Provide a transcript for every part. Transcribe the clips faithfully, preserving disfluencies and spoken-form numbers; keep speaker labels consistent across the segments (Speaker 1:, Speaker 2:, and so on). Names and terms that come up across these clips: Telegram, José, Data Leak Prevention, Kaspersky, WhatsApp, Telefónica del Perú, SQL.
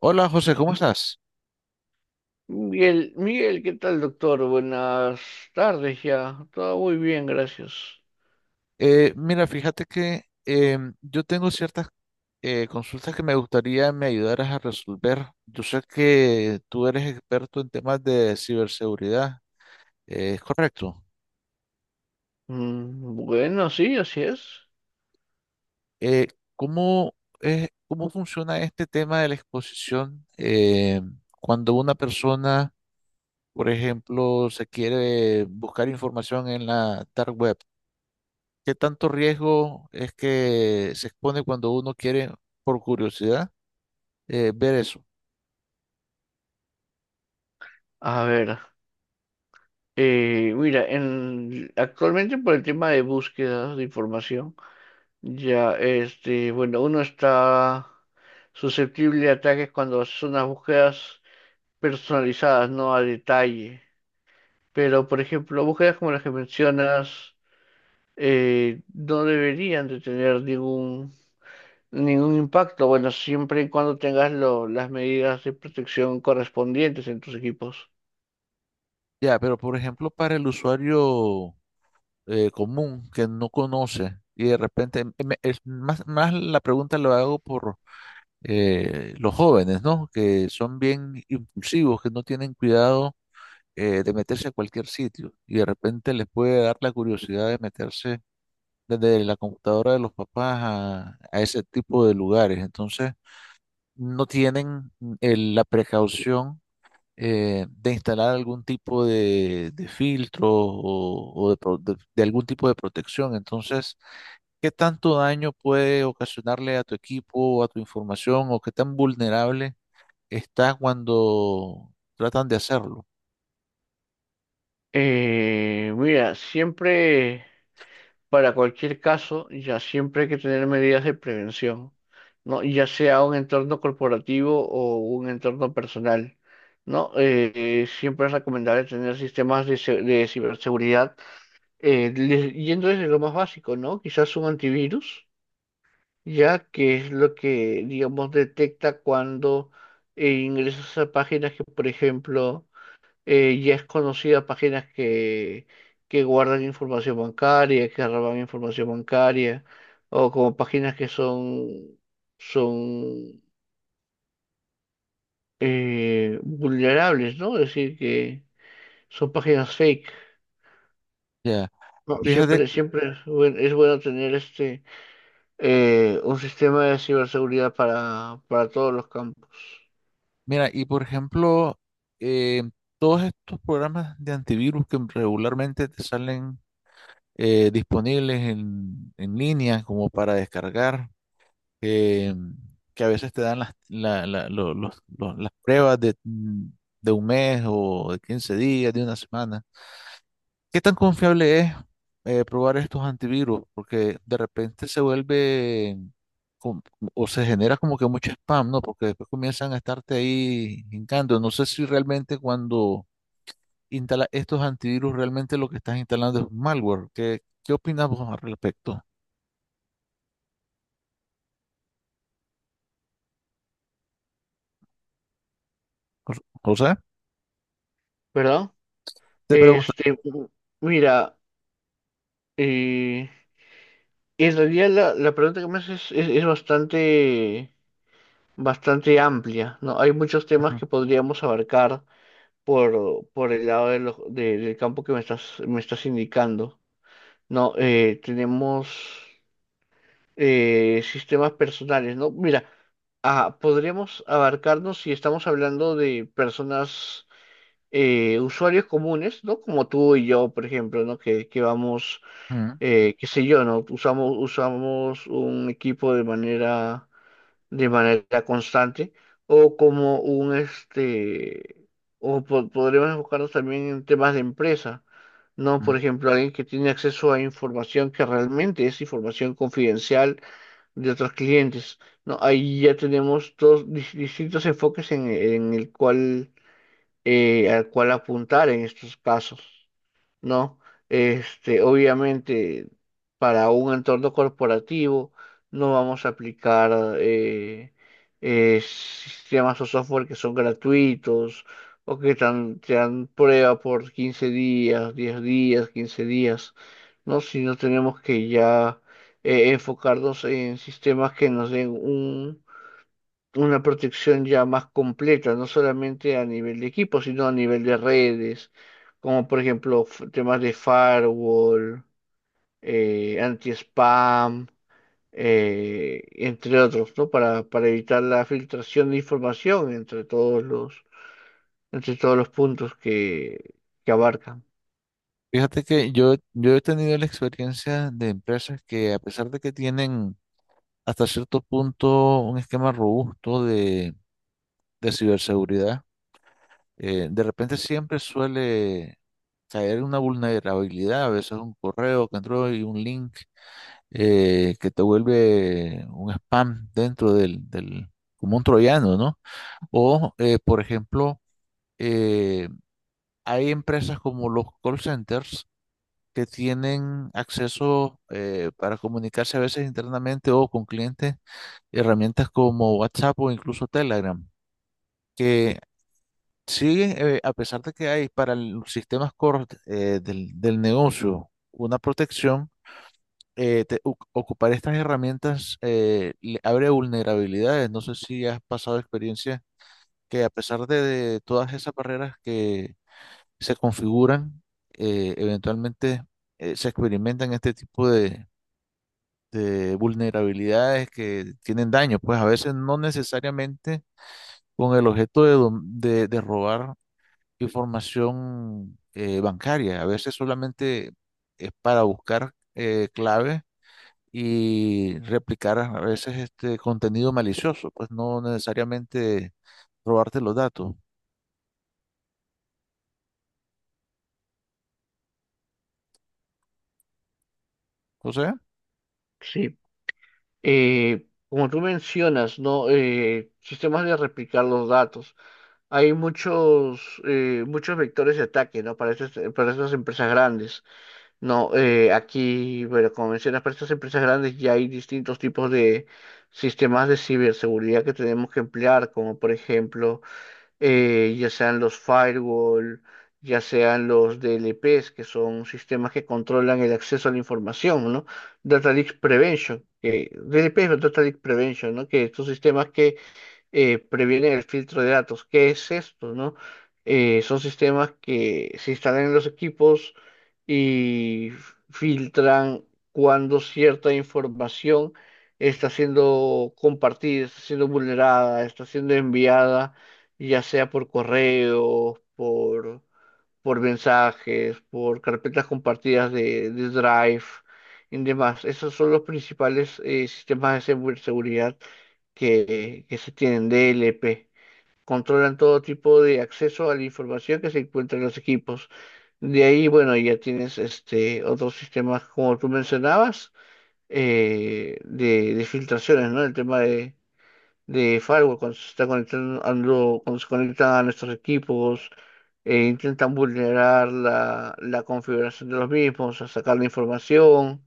Speaker 1: Hola José, ¿cómo estás?
Speaker 2: Miguel, Miguel, ¿qué tal, doctor? Buenas tardes ya. Todo muy bien, gracias.
Speaker 1: Eh, mira, fíjate que em, yo tengo ciertas eh, consultas que me gustaría me ayudaras a resolver. Yo sé que tú eres experto en temas de ciberseguridad, eh, ¿es correcto?
Speaker 2: Mm, bueno, sí, así es.
Speaker 1: Eh, ¿cómo es- Cómo funciona este tema de la exposición eh, cuando una persona, por ejemplo, se quiere buscar información en la dark web? ¿Qué tanto riesgo es que se expone cuando uno quiere, por curiosidad, eh, ver eso?
Speaker 2: A ver, eh, mira, en, actualmente por el tema de búsqueda de información, ya, este, bueno, uno está susceptible a ataques cuando son unas búsquedas personalizadas, no a detalle. Pero, por ejemplo, búsquedas como las que mencionas, eh, no deberían de tener ningún Ningún impacto, bueno, siempre y cuando tengas lo- las medidas de protección correspondientes en tus equipos.
Speaker 1: Ya, pero por ejemplo, para el usuario eh, común que no conoce y de repente, em- em- es más, más la pregunta lo hago por eh, los jóvenes, ¿no? Que son bien impulsivos, que no tienen cuidado eh, de meterse a cualquier sitio y de repente les puede dar la curiosidad de meterse desde la computadora de los papás a, a ese tipo de lugares. Entonces, no tienen mm, el- la precaución eh, de instalar algún tipo de, de filtro o, o de, pro- de- de algún tipo de protección. Entonces, ¿qué tanto daño puede ocasionarle a tu equipo o a tu información o qué tan vulnerable está cuando tratan de hacerlo?
Speaker 2: Eh, mira, siempre, para cualquier caso, ya siempre hay que tener medidas de prevención, ¿no? Ya sea un entorno corporativo o un entorno personal, ¿no? Eh, eh, siempre es recomendable tener sistemas de, se- de ciberseguridad, eh, le- yendo desde lo más básico, ¿no? Quizás un antivirus ya que es lo que, digamos, detecta cuando eh, ingresas a páginas que, por ejemplo, eh, ya es conocida, páginas que, que guardan información bancaria, que roban información bancaria, o como páginas que son, son eh, vulnerables, ¿no? Es decir, que son páginas fake.
Speaker 1: Ya.
Speaker 2: No,
Speaker 1: Fíjate,
Speaker 2: siempre, siempre es buen- es bueno tener este eh, un sistema de ciberseguridad para, para todos los campos,
Speaker 1: mira, y por ejemplo, eh, todos estos programas de antivirus que regularmente te salen eh, disponibles en, en línea como para descargar, que, que a veces te dan las, la- la- lo- los- lo- las pruebas de, mm, de un mes o de quince días, de una semana. ¿Qué tan confiable es eh, probar estos antivirus? Porque de repente se vuelve com- o se genera como que mucho spam, ¿no? Porque después comienzan a estarte ahí hincando. No sé si realmente cuando instalas estos antivirus, realmente lo que estás instalando es un malware. ¿Qué, qué opinas vos al respecto? O o sea,
Speaker 2: ¿verdad?
Speaker 1: Te pregunto.
Speaker 2: Este, Mira, eh, en realidad la, la pregunta que me haces es, es- es bastante, bastante amplia, ¿no? Hay muchos temas
Speaker 1: Ujú,
Speaker 2: que podríamos abarcar por, por el lado de lo- de- del campo que me estás, me estás indicando, ¿no? Eh, tenemos eh, sistemas personales, ¿no? Mira, ah, podríamos abarcarnos si estamos hablando de personas, eh, usuarios comunes, ¿no? Como tú y yo, por ejemplo, ¿no? Que, que vamos eh, qué sé yo, ¿no? Usamos, usamos un equipo de manera, de manera constante o como un, este, o po- podríamos enfocarnos también en temas de empresa, ¿no? Por
Speaker 1: ujú.
Speaker 2: ejemplo, alguien que tiene acceso a información que realmente es información confidencial de otros clientes, ¿no? Ahí ya tenemos dos dis- distintos enfoques en, en el cual, eh, al cual apuntar en estos casos, ¿no? Este, obviamente, para un entorno corporativo no vamos a aplicar eh, eh, sistemas o software que son gratuitos o que tan- te dan prueba por quince días, diez días, quince días, ¿no? Sino tenemos que ya eh, enfocarnos en sistemas que nos den una protección ya más completa, no solamente a nivel de equipo, sino a nivel de redes, como por ejemplo f- temas de firewall, eh, anti-spam, eh, entre otros, ¿no? Para, para evitar la filtración de información entre todos los, entre todos los puntos que, que abarcan.
Speaker 1: Fíjate que yo, yo he tenido la experiencia de empresas que a pesar de que tienen hasta cierto punto un esquema robusto de, de ciberseguridad, eh, de repente siempre suele caer una vulnerabilidad, a veces un correo que entró y un link eh, que te vuelve un spam dentro del, del, como un troyano, ¿no? O, eh, por ejemplo, eh, hay empresas como los call centers que tienen acceso eh, para comunicarse a veces internamente o con clientes, herramientas como WhatsApp o incluso Telegram, que siguen, eh, a pesar de que hay para los sistemas core eh, del, del negocio una protección, eh, te- u- ocupar estas herramientas eh, le abre vulnerabilidades. No sé si has pasado experiencia que a pesar de, de todas esas barreras que se configuran, eh, eventualmente eh, se experimentan este tipo de, de vulnerabilidades que tienen daño, pues a veces no necesariamente con el objeto de, dom- de, de robar información eh, bancaria, a veces solamente es para buscar eh, claves y replicar a veces este contenido malicioso, pues no necesariamente robarte los datos. O sea,
Speaker 2: Sí. Eh, como tú mencionas, ¿no? Eh, sistemas de replicar los datos. Hay muchos, eh, muchos vectores de ataque, ¿no? Para estas, eh, para estas empresas grandes, ¿no? Eh, aquí, bueno, como mencionas, para estas empresas grandes ya hay distintos tipos de sistemas de ciberseguridad que tenemos que emplear, como por ejemplo, eh, ya sean los firewall, ya sean los D L Ps, que son sistemas que controlan el acceso a la información, ¿no? Data Leak Prevention, que D L P es Data Leak Prevention, ¿no? Que estos sistemas que eh, previenen el filtro de datos. ¿Qué es esto, no? Eh, son sistemas que se instalan en los equipos y filtran cuando cierta información está siendo compartida, está siendo vulnerada, está siendo enviada, ya sea por correo, por, por mensajes, por carpetas compartidas de, de Drive y demás. Esos son los principales eh, sistemas de segu- seguridad que, que se tienen, D L P. Controlan todo tipo de acceso a la información que se encuentra en los equipos. De ahí, bueno, ya tienes este otros sistemas, como tú mencionabas, eh, de, de filtraciones, ¿no? El tema de, de firewall, cuando se está conectando, cuando se conectan a nuestros equipos, eh, intentan vulnerar la, la configuración de los mismos, a sacar la información.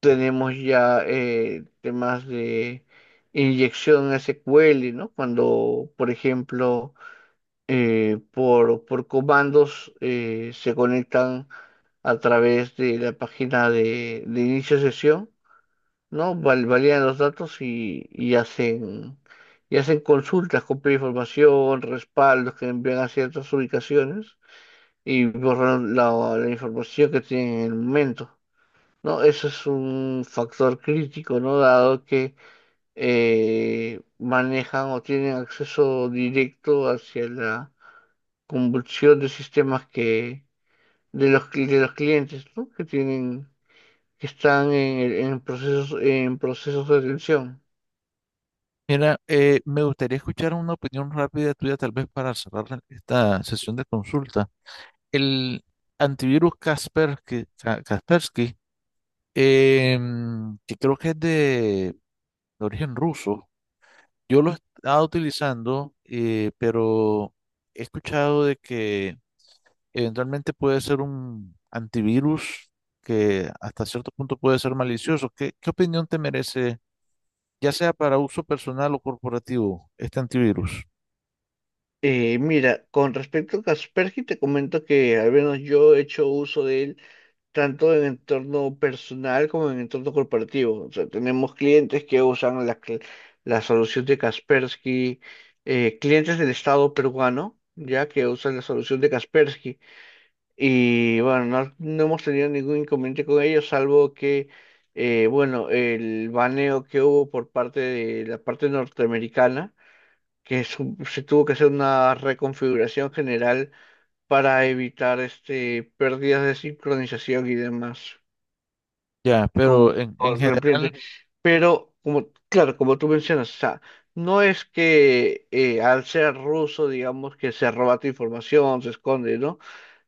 Speaker 2: Tenemos ya eh, temas de inyección S Q L, ¿no? Cuando, por ejemplo, eh, por, por comandos eh, se conectan a través de la página de, de inicio de sesión, ¿no? Val- validan los datos y, y hacen, y hacen consultas, copian información, respaldos que envían a ciertas ubicaciones y borran la, la información que tienen en el momento. No, eso es un factor crítico, ¿no? Dado que eh, manejan o tienen acceso directo hacia la convulsión de sistemas que de los cli- de los clientes, ¿no? Que tienen, que están en, el- en procesos en procesos de atención.
Speaker 1: mira, eh, me gustaría escuchar una opinión rápida tuya tal vez para cerrar esta sesión de consulta. El antivirus Kaspersky, Ka- Kaspersky em, que creo que es de origen ruso, yo lo he estado utilizando, eh, pero he escuchado de que eventualmente puede ser un antivirus que hasta cierto punto puede ser malicioso. ¿Qué, qué opinión te merece, ya sea para uso personal o corporativo, este antivirus?
Speaker 2: Eh, mira, con respecto a Kaspersky, te comento que al menos yo he hecho uso de él tanto en entorno personal como en entorno corporativo. O sea, tenemos clientes que usan la, cl- la solución de Kaspersky, eh, clientes del Estado peruano, ya que usan la solución de Kaspersky. Y bueno, no, no hemos tenido ningún inconveniente con ellos, salvo que, eh, bueno, el baneo que hubo por parte de la parte norteamericana, que su- se tuvo que hacer una reconfiguración general para evitar este, pérdidas de sincronización y demás
Speaker 1: Ya, pero
Speaker 2: con,
Speaker 1: en,
Speaker 2: con
Speaker 1: en
Speaker 2: el cliente.
Speaker 1: general...
Speaker 2: Pero, como, claro, como tú mencionas, o sea, no es que eh, al ser ruso, digamos, que se roba tu información, se esconde, ¿no?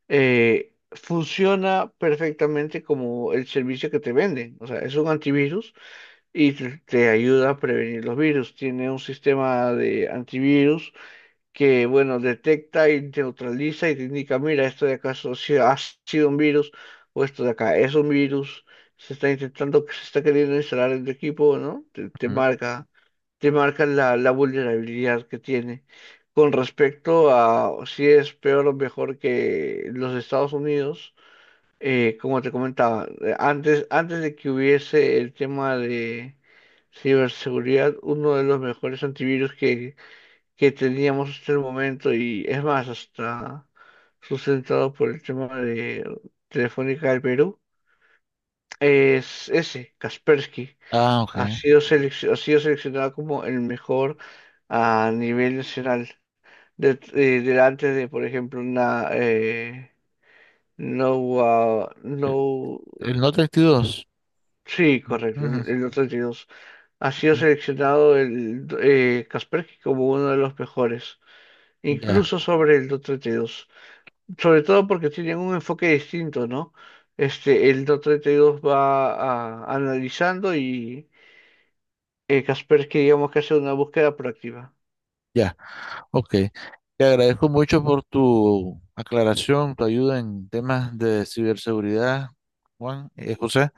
Speaker 2: Eh, funciona perfectamente como el servicio que te venden. O sea, es un antivirus y te, te ayuda a prevenir los virus. Tiene un sistema de antivirus que, bueno, detecta y neutraliza y te indica, mira, esto de acá so- si ha sido un virus o esto de acá es un virus, se está intentando, se está queriendo instalar en tu equipo, ¿no? Te, te
Speaker 1: Ujú.
Speaker 2: marca, te marca la, la vulnerabilidad que tiene. Con respecto a si es peor o mejor que los Estados Unidos, eh, como te comentaba, eh, antes, antes de que hubiese el tema de ciberseguridad, uno de los mejores antivirus que que teníamos hasta el momento, y es más, hasta sustentado por el tema de Telefónica del Perú, es ese, Kaspersky.
Speaker 1: Ah, ok.
Speaker 2: Ha sido selec- ha sido seleccionado como el mejor a nivel nacional, de- eh, delante de, por ejemplo, una, eh, no, Wa-
Speaker 1: El
Speaker 2: no,
Speaker 1: el no treinta y dos.
Speaker 2: sí,
Speaker 1: Ujú,
Speaker 2: correcto,
Speaker 1: ujú,
Speaker 2: el el otro treinta y dos. Ha sido
Speaker 1: ujú.
Speaker 2: seleccionado el eh, Kaspersky como uno de los mejores,
Speaker 1: Ya.
Speaker 2: incluso sobre el do treinta y dos. Sobre todo porque tienen un enfoque distinto, ¿no? Este, el DOT treinta y dos va a- analizando y eh, Kaspersky digamos que hace una búsqueda proactiva.
Speaker 1: Ya, ok. Te agradezco mucho por tu aclaración, tu ayuda en temas de ciberseguridad, Juan, eh, José.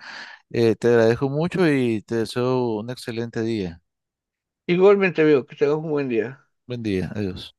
Speaker 1: Eh, te agradezco mucho y te deseo un excelente día.
Speaker 2: Igualmente, veo que tengas un buen día.
Speaker 1: Buen día, adiós.